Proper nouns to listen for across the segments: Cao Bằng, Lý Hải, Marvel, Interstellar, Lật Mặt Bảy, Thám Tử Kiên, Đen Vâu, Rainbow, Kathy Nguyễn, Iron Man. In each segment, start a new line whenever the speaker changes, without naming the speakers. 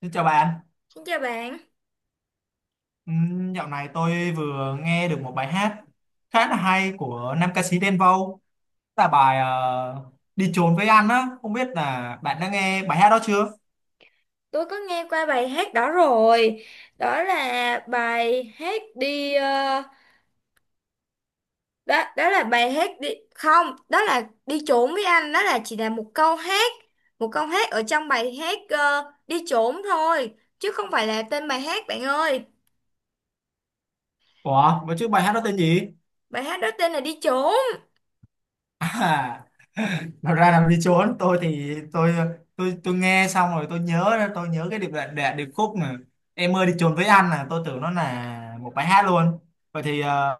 Xin chào bạn.
Xin chào bạn,
Dạo này tôi vừa nghe được một bài hát khá là hay của nam ca sĩ Đen Vâu, là bài Đi trốn với anh á, không biết là bạn đã nghe bài hát đó chưa?
tôi có nghe qua bài hát đó rồi. Đó là bài hát đó đó là bài hát đi không, đó là đi trốn với anh, đó là chỉ là một câu hát ở trong bài hát đi trốn thôi, chứ không phải là tên bài hát bạn ơi.
Ủa, mà chứ bài hát đó tên gì?
Bài hát đó tên là đi trốn.
À, nó ra làm đi trốn. Tôi thì tôi nghe xong rồi, tôi nhớ cái điệp đoạn đoạn điệp khúc mà em ơi đi trốn với anh, là tôi tưởng nó là một bài hát luôn. Vậy thì ờ,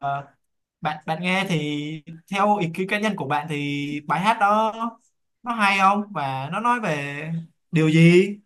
bạn bạn nghe thì theo ý kiến cá nhân của bạn thì bài hát đó nó hay không, và nó nói về điều gì?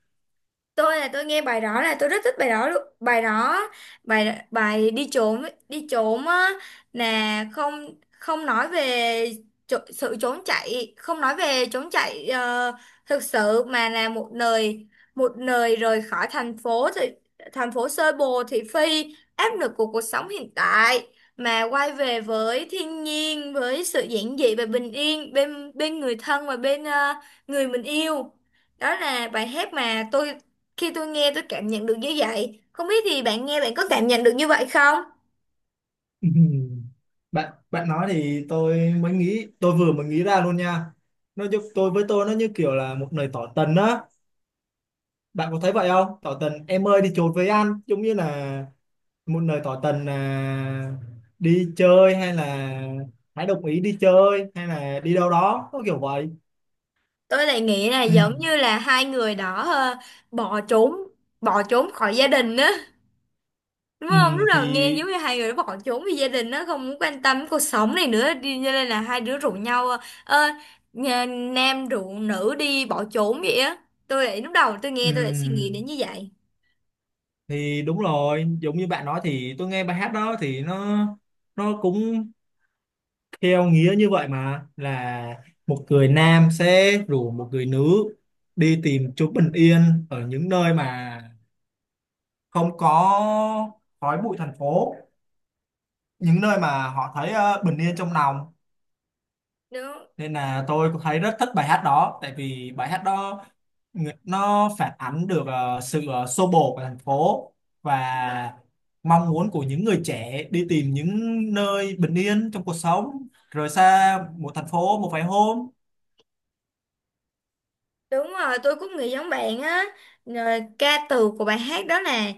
Tôi nghe bài đó là tôi rất thích bài đó luôn, bài đó, bài bài đi trốn, đi trốn á, là không không nói về sự trốn chạy, không nói về trốn chạy, thực sự mà là một nơi, một nơi rời khỏi thành phố, thì thành phố xô bồ thị phi áp lực của cuộc sống hiện tại mà quay về với thiên nhiên, với sự giản dị và bình yên bên bên người thân và bên người mình yêu. Đó là bài hát mà tôi, khi tôi nghe tôi cảm nhận được như vậy, không biết thì bạn nghe bạn có cảm nhận được như vậy không?
Ừm, bạn bạn nói thì tôi vừa mới nghĩ ra luôn nha, nó giúp tôi. Với tôi, nó như kiểu là một lời tỏ tình á, bạn có thấy vậy không? Tỏ tình em ơi đi chột với anh, giống như là một lời tỏ tình, là đi chơi, hay là hãy đồng ý đi chơi, hay là đi đâu đó, có kiểu vậy.
Tôi lại nghĩ là giống như là hai người đó bỏ trốn, bỏ trốn khỏi gia đình á. Đúng không? Lúc
Ừm,
đầu
thì
nghe giống như hai người đó bỏ trốn vì gia đình, nó không muốn quan tâm cuộc sống này nữa, đi cho nên là hai đứa rủ nhau, ơ, nam rủ nữ đi bỏ trốn vậy á. Tôi lại lúc đầu tôi nghe tôi lại suy nghĩ đến
ừm,
như vậy.
thì đúng rồi, giống như bạn nói thì tôi nghe bài hát đó thì nó cũng theo nghĩa như vậy, mà là một người nam sẽ rủ một người nữ đi tìm chút bình yên ở những nơi mà không có khói bụi thành phố, những nơi mà họ thấy bình yên trong lòng.
Đúng.
Nên là tôi cũng thấy rất thích bài hát đó, tại vì bài hát đó nó phản ánh được sự xô bồ của thành phố, và mong muốn của những người trẻ đi tìm những nơi bình yên trong cuộc sống, rời xa một thành phố một vài hôm.
Đúng rồi, tôi cũng nghĩ giống bạn á. Rồi, ca từ của bài hát đó nè,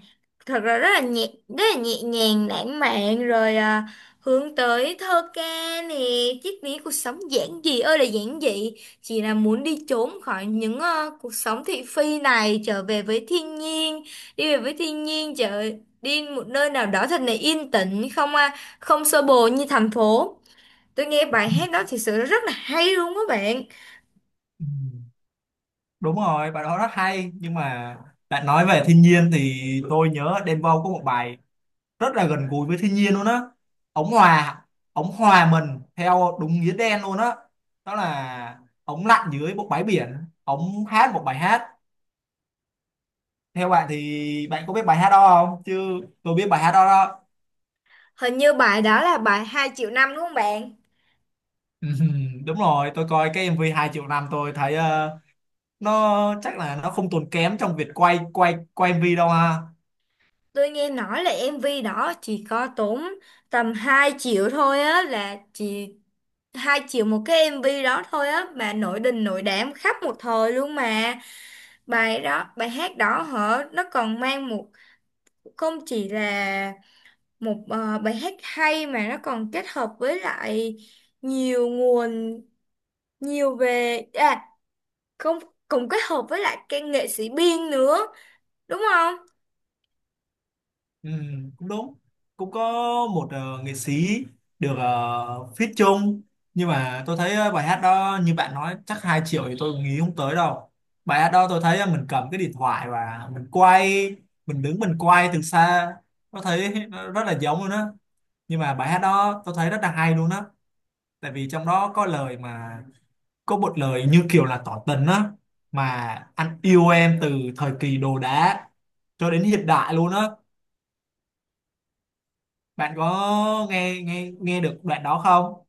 thật ra rất là nhẹ nhàng, lãng mạn, rồi à, hướng tới thơ ca nè, triết lý cuộc sống giản dị ơi là giản dị, chỉ là muốn đi trốn khỏi những cuộc sống thị phi này, trở về với thiên nhiên, đi về với thiên nhiên, đi một nơi nào đó thật là yên tĩnh, không à, không xô bồ như thành phố. Tôi nghe bài hát đó thì sự rất là hay luôn các bạn.
Ừ, đúng rồi, bài đó rất hay, nhưng mà bạn nói về thiên nhiên thì tôi nhớ Đen Vâu có một bài rất là gần gũi với thiên nhiên luôn á. ống hòa ống hòa mình theo đúng nghĩa đen luôn á. Đó là ống lặn dưới một bãi biển, ống hát một bài hát. Theo bạn thì bạn có biết bài hát đó không? Chứ tôi biết bài hát đó đó.
Hình như bài đó là bài 2 triệu năm đúng không bạn?
Đúng rồi, tôi coi cái MV 2 triệu năm, tôi thấy nó chắc là nó không tốn kém trong việc quay quay quay MV đâu ha.
Tôi nghe nói là MV đó chỉ có tốn tầm 2 triệu thôi á, là chỉ 2 triệu một cái MV đó thôi á, mà nổi đình nổi đám khắp một thời luôn mà. Bài đó, bài hát đó hả? Nó còn mang một, không chỉ là một bài hát hay mà nó còn kết hợp với lại nhiều nguồn, nhiều về à, không, cùng kết hợp với lại cái nghệ sĩ biên nữa, đúng không?
Cũng đúng. Cũng có một nghệ sĩ được feat chung, nhưng mà tôi thấy bài hát đó như bạn nói chắc 2 triệu thì tôi nghĩ không tới đâu. Bài hát đó tôi thấy mình cầm cái điện thoại và mình quay, mình đứng mình quay từ xa, tôi thấy nó rất là giống luôn á. Nhưng mà bài hát đó tôi thấy rất là hay luôn á, tại vì trong đó có lời mà, có một lời như kiểu là tỏ tình á, mà anh yêu em từ thời kỳ đồ đá cho đến hiện đại luôn á, bạn có nghe nghe nghe được đoạn đó không?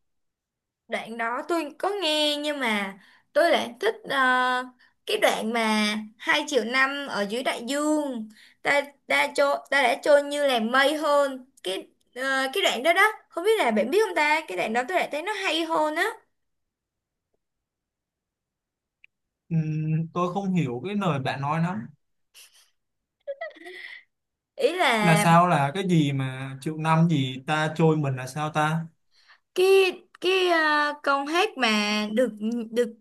Đoạn đó tôi có nghe nhưng mà tôi lại thích cái đoạn mà 2 triệu năm ở dưới đại dương, ta, ta trôi, ta đã trôi như là mây hơn, cái ờ, cái đoạn đó đó, không biết là bạn biết không ta, cái đoạn đó tôi lại thấy nó hay hơn á.
Tôi không hiểu cái lời bạn nói lắm,
Ý là
là sao, là cái gì mà triệu năm gì ta trôi mình là sao ta?
cái cái câu hát mà được được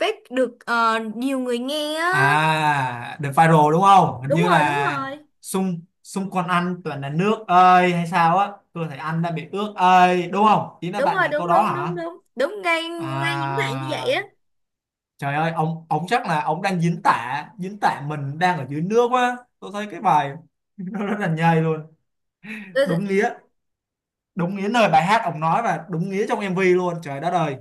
phát được nhiều người nghe á.
À, được viral đúng không? Hình
đúng
như
rồi đúng
là
rồi
xung xung quanh anh toàn là nước ơi hay sao á? Tôi thấy anh đã bị ướt ơi, đúng không? Ý là
Đúng
bạn
rồi,
là câu
đúng
đó
đúng đúng
hả?
đúng đúng ngay ngay những bạn như vậy á.
À, trời ơi, ông chắc là ông đang diễn tả mình đang ở dưới nước quá. Tôi thấy cái bài nó rất là nhây luôn.
Tôi
Đúng nghĩa, đúng nghĩa, lời bài hát ông nói, và đúng nghĩa trong MV luôn. Trời đất ơi.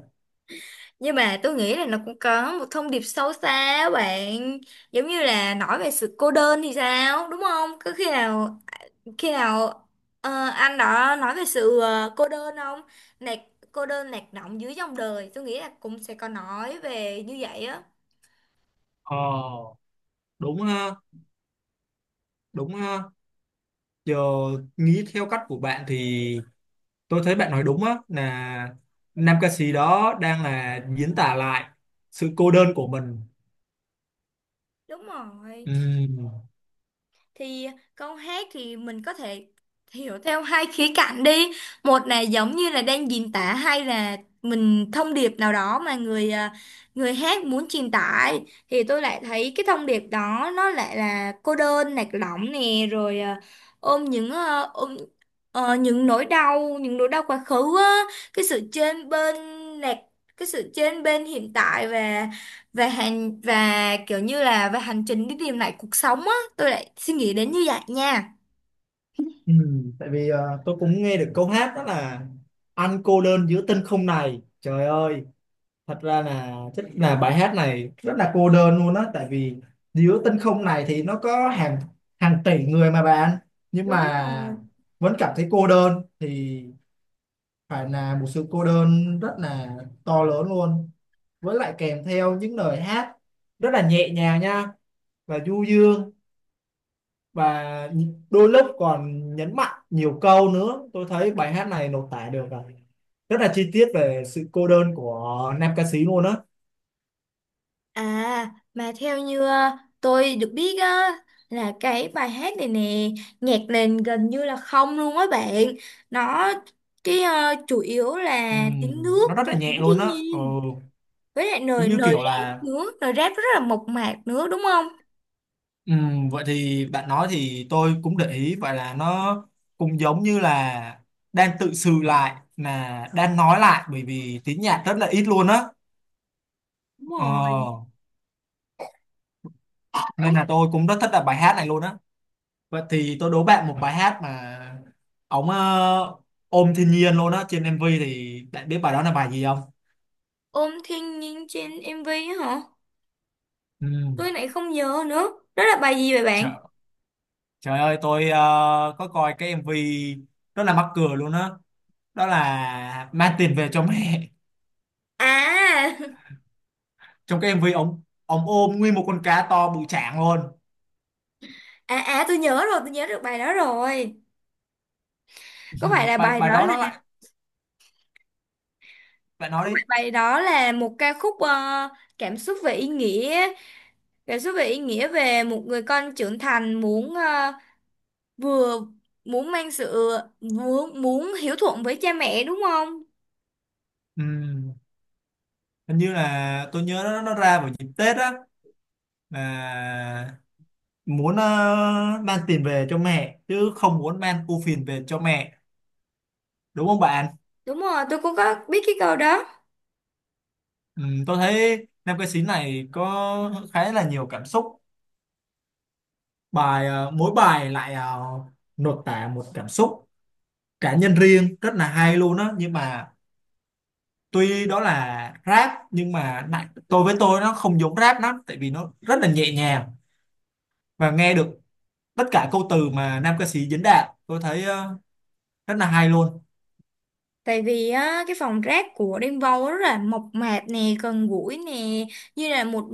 Nhưng mà tôi nghĩ là nó cũng có một thông điệp sâu xa á bạn. Giống như là nói về sự cô đơn thì sao, đúng không? Có khi nào, khi nào anh đó nói về sự cô đơn không? Nạc, cô đơn lạc lõng dưới dòng đời, tôi nghĩ là cũng sẽ có nói về như vậy á.
Ờ, đúng ha, đúng ha. Giờ nghĩ theo cách của bạn thì tôi thấy bạn nói đúng á, là nam ca sĩ đó đang là diễn tả lại sự cô đơn của mình.
Đúng rồi,
Ừm,
thì câu hát thì mình có thể hiểu theo hai khía cạnh đi, một là giống như là đang diễn tả hay là mình thông điệp nào đó mà người à, người hát muốn truyền tải, thì tôi lại thấy cái thông điệp đó nó lại là cô đơn lạc lõng nè, rồi à, ôm những những nỗi đau, những nỗi đau quá khứ á, cái sự chênh bên, lạc, cái sự chênh bên hiện tại và hành, và kiểu như là về hành trình đi tìm lại cuộc sống á. Tôi lại suy nghĩ đến như vậy nha.
tại vì tôi cũng nghe được câu hát đó là anh cô đơn giữa tinh không này, trời ơi, thật ra là chắc là bài hát này rất là cô đơn luôn á, tại vì giữa tinh không này thì nó có hàng hàng tỷ người mà bạn, nhưng
Đúng
mà
rồi,
vẫn cảm thấy cô đơn thì phải là một sự cô đơn rất là to lớn luôn, với lại kèm theo những lời hát rất là nhẹ nhàng nha, và du dương, và đôi lúc còn nhấn mạnh nhiều câu nữa, tôi thấy bài hát này lột tả được rồi rất là chi tiết về sự cô đơn của nam ca sĩ luôn á.
à mà theo như tôi được biết á, là cái bài hát này nè, nhạc nền gần như là không luôn á bạn, nó cái chủ yếu là tiếng
Ừm,
nước
nó rất
và
là nhẹ
tiếng thiên
luôn á. Ừ,
nhiên, với lại
giống
lời
như
lời
kiểu
rap
là.
nữa, lời rap rất là mộc mạc nữa, đúng không?
Ừ, vậy thì bạn nói thì tôi cũng để ý vậy, là nó cũng giống như là đang tự sự lại, là đang nói lại bởi vì tiếng nhạc rất là ít luôn á.
Đúng rồi.
Ờ, nên
Ôm,
là tôi cũng rất thích là bài hát này luôn á. Vậy thì tôi đố bạn một bài hát mà ống ôm thiên nhiên luôn á trên MV, thì bạn biết bài đó là bài gì không?
ôm thiên nhiên trên MV á hả,
Ừ,
tôi lại không nhớ nữa, đó là bài gì vậy bạn?
trời, trời ơi, tôi có coi cái MV rất là mắc cười luôn á đó. Đó là mang tiền về cho mẹ,
À.
trong cái em MV ông ôm nguyên một con cá to bự chảng luôn.
à, à tôi nhớ rồi, tôi nhớ được bài đó rồi. Có phải
Ừ,
là
bài
bài
bài
đó
đó
là,
nó lại lại nói
có
đấy.
phải bài đó là một ca khúc cảm xúc về ý nghĩa, cảm xúc về ý nghĩa về một người con trưởng thành muốn vừa, muốn mang sự, muốn muốn hiếu thuận với cha mẹ, đúng không?
Ừ, hình như là tôi nhớ nó ra vào dịp Tết á, là muốn mang tiền về cho mẹ chứ không muốn mang ưu phiền về cho mẹ, đúng không bạn?
Đúng rồi, tôi cũng có biết cái câu đó.
Ừ, tôi thấy nam ca sĩ này có khá là nhiều cảm xúc, mỗi bài lại nội tả một cảm xúc cá nhân riêng rất là hay luôn á, nhưng mà tuy đó là rap nhưng mà đại- tôi với tôi nó không giống rap lắm, tại vì nó rất là nhẹ nhàng và nghe được tất cả câu từ mà nam ca sĩ diễn đạt, tôi thấy rất là hay luôn.
Tại vì á, cái phòng rác của Rainbow rất là mộc mạc nè, gần gũi nè, như là một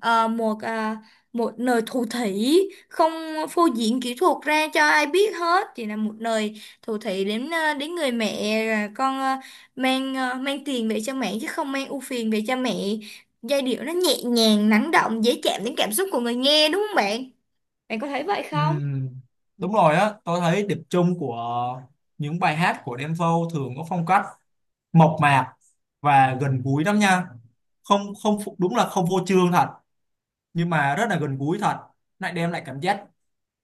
một à, một nơi thủ thỉ, không phô diễn kỹ thuật ra cho ai biết hết, chỉ là một nơi thủ thỉ đến đến người mẹ, là con, mang tiền về cho mẹ chứ không mang ưu phiền về cho mẹ. Giai điệu nó nhẹ nhàng, lắng động, dễ chạm đến cảm xúc của người nghe, đúng không bạn? Bạn có thấy vậy không?
Ừm, đúng rồi á, tôi thấy điểm chung của những bài hát của Đen Vâu thường có phong cách mộc mạc và gần gũi lắm nha, không không phụ- đúng là không phô trương thật, nhưng mà rất là gần gũi thật, lại đem lại cảm giác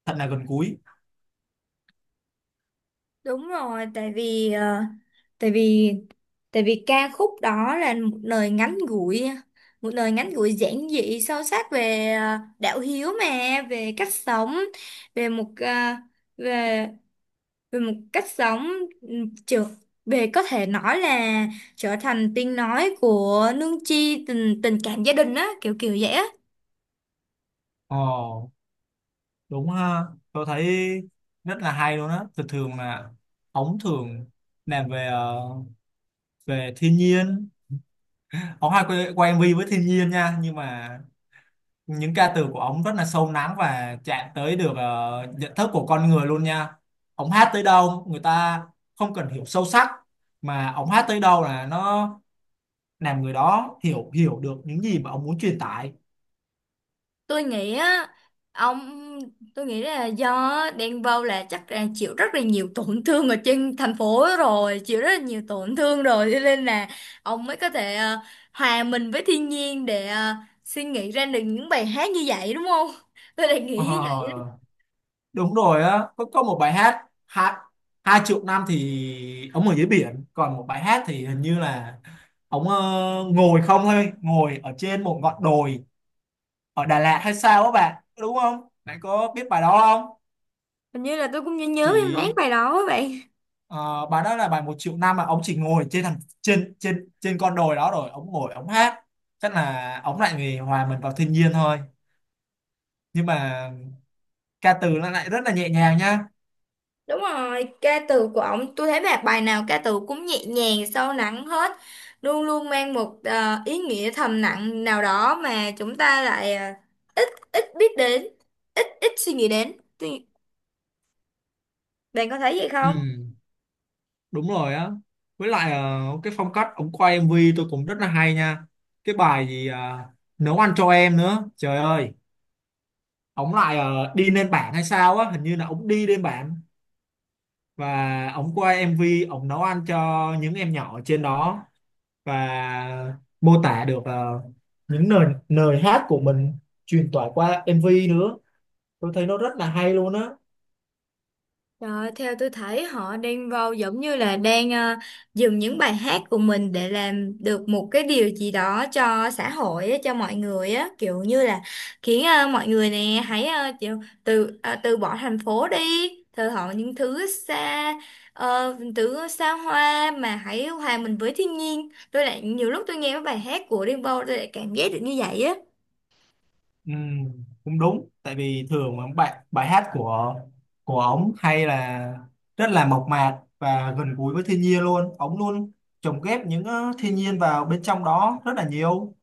thật là gần gũi.
Đúng rồi, tại vì tại vì tại vì ca khúc đó là một lời ngắn gủi, một lời ngắn gủi giản dị sâu sắc về đạo hiếu mà, về cách sống, về một ờ, về về một cách sống, trượt, về có thể nói là trở thành tiếng nói của nương chi, tình tình cảm gia đình á, kiểu kiểu vậy á.
Ồ, đúng ha, tôi thấy rất là hay luôn á, thường thường là ống thường làm về thiên nhiên, ống hay quay MV với thiên nhiên nha, nhưng mà những ca từ của ống rất là sâu lắng và chạm tới được nhận thức của con người luôn nha. Ống hát tới đâu người ta không cần hiểu sâu sắc, mà ống hát tới đâu là nó làm người đó hiểu hiểu được những gì mà ông muốn truyền tải.
Tôi nghĩ á, ông tôi nghĩ là do Denver là chắc là chịu rất là nhiều tổn thương ở trên thành phố rồi, chịu rất là nhiều tổn thương rồi, cho nên là ông mới có thể hòa mình với thiên nhiên để suy nghĩ ra được những bài hát như vậy đúng không, tôi lại
Ờ,
nghĩ như vậy.
đúng rồi á, có một bài hát hai hai triệu năm thì ông ở dưới biển, còn một bài hát thì hình như là ông ngồi không thôi, ngồi ở trên một ngọn đồi ở Đà Lạt hay sao á bạn, đúng không, bạn có biết bài đó không?
Hình như là tôi cũng nhớ, nhớ mấy
chỉ
bài đó vậy.
ờ, bài đó là bài một triệu năm mà ông chỉ ngồi trên thằng trên trên trên con đồi đó, rồi ông ngồi ông hát, chắc là ông lại người hòa mình vào thiên nhiên thôi, nhưng mà ca từ nó lại rất là nhẹ nhàng nha.
Đúng rồi, ca từ của ông tôi thấy bài bài nào ca từ cũng nhẹ nhàng, sâu lắng hết, luôn luôn mang một ý nghĩa thầm lặng nào đó mà chúng ta lại ít ít biết đến, ít ít suy nghĩ đến. Tuy- Bạn có thấy vậy
Ừ,
không?
đúng rồi á, với lại cái phong cách ống quay MV tôi cũng rất là hay nha. Cái bài gì nấu ăn cho em nữa, trời ơi, ống lại đi lên bảng hay sao á, hình như là ống đi lên bảng và ống quay MV, ống nấu ăn cho những em nhỏ ở trên đó, và mô tả được những lời lời hát của mình truyền tải qua MV nữa, tôi thấy nó rất là hay luôn á.
Đó, theo tôi thấy họ đang vào giống như là đang dùng những bài hát của mình để làm được một cái điều gì đó cho xã hội á, cho mọi người á, kiểu như là khiến mọi người nè hãy từ bỏ thành phố đi, thờ họ những thứ xa, thứ xa hoa mà hãy hòa mình với thiên nhiên. Tôi lại nhiều lúc tôi nghe cái bài hát của Đen Vâu tôi lại cảm giác được như vậy á.
Ừ, cũng đúng, tại vì thường mà bài bài hát của ống hay là rất là mộc mạc và gần gũi với thiên nhiên luôn, ống luôn lồng ghép những thiên nhiên vào bên trong đó rất là nhiều,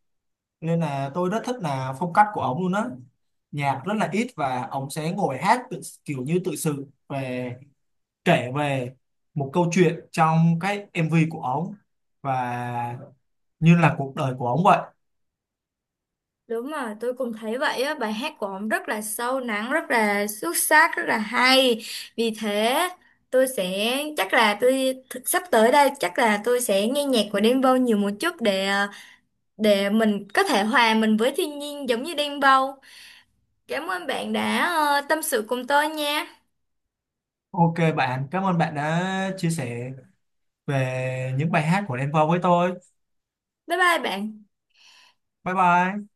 nên là tôi rất thích là phong cách của ống luôn á, nhạc rất là ít và ống sẽ ngồi hát kiểu như tự sự về kể về một câu chuyện trong cái MV của ống, và như là cuộc đời của ống vậy.
Đúng rồi, tôi cũng thấy vậy á, bài hát của ông rất là sâu lắng, rất là xuất sắc, rất là hay. Vì thế, tôi sẽ chắc là tôi sắp tới đây chắc là tôi sẽ nghe nhạc của Đen Vâu nhiều một chút, để để mình có thể hòa mình với thiên nhiên giống như Đen Vâu. Cảm ơn bạn đã tâm sự cùng tôi nha.
OK bạn, cảm ơn bạn đã chia sẻ về những bài hát của Đen Vâu với tôi.
Bye bye bạn.
Bye bye.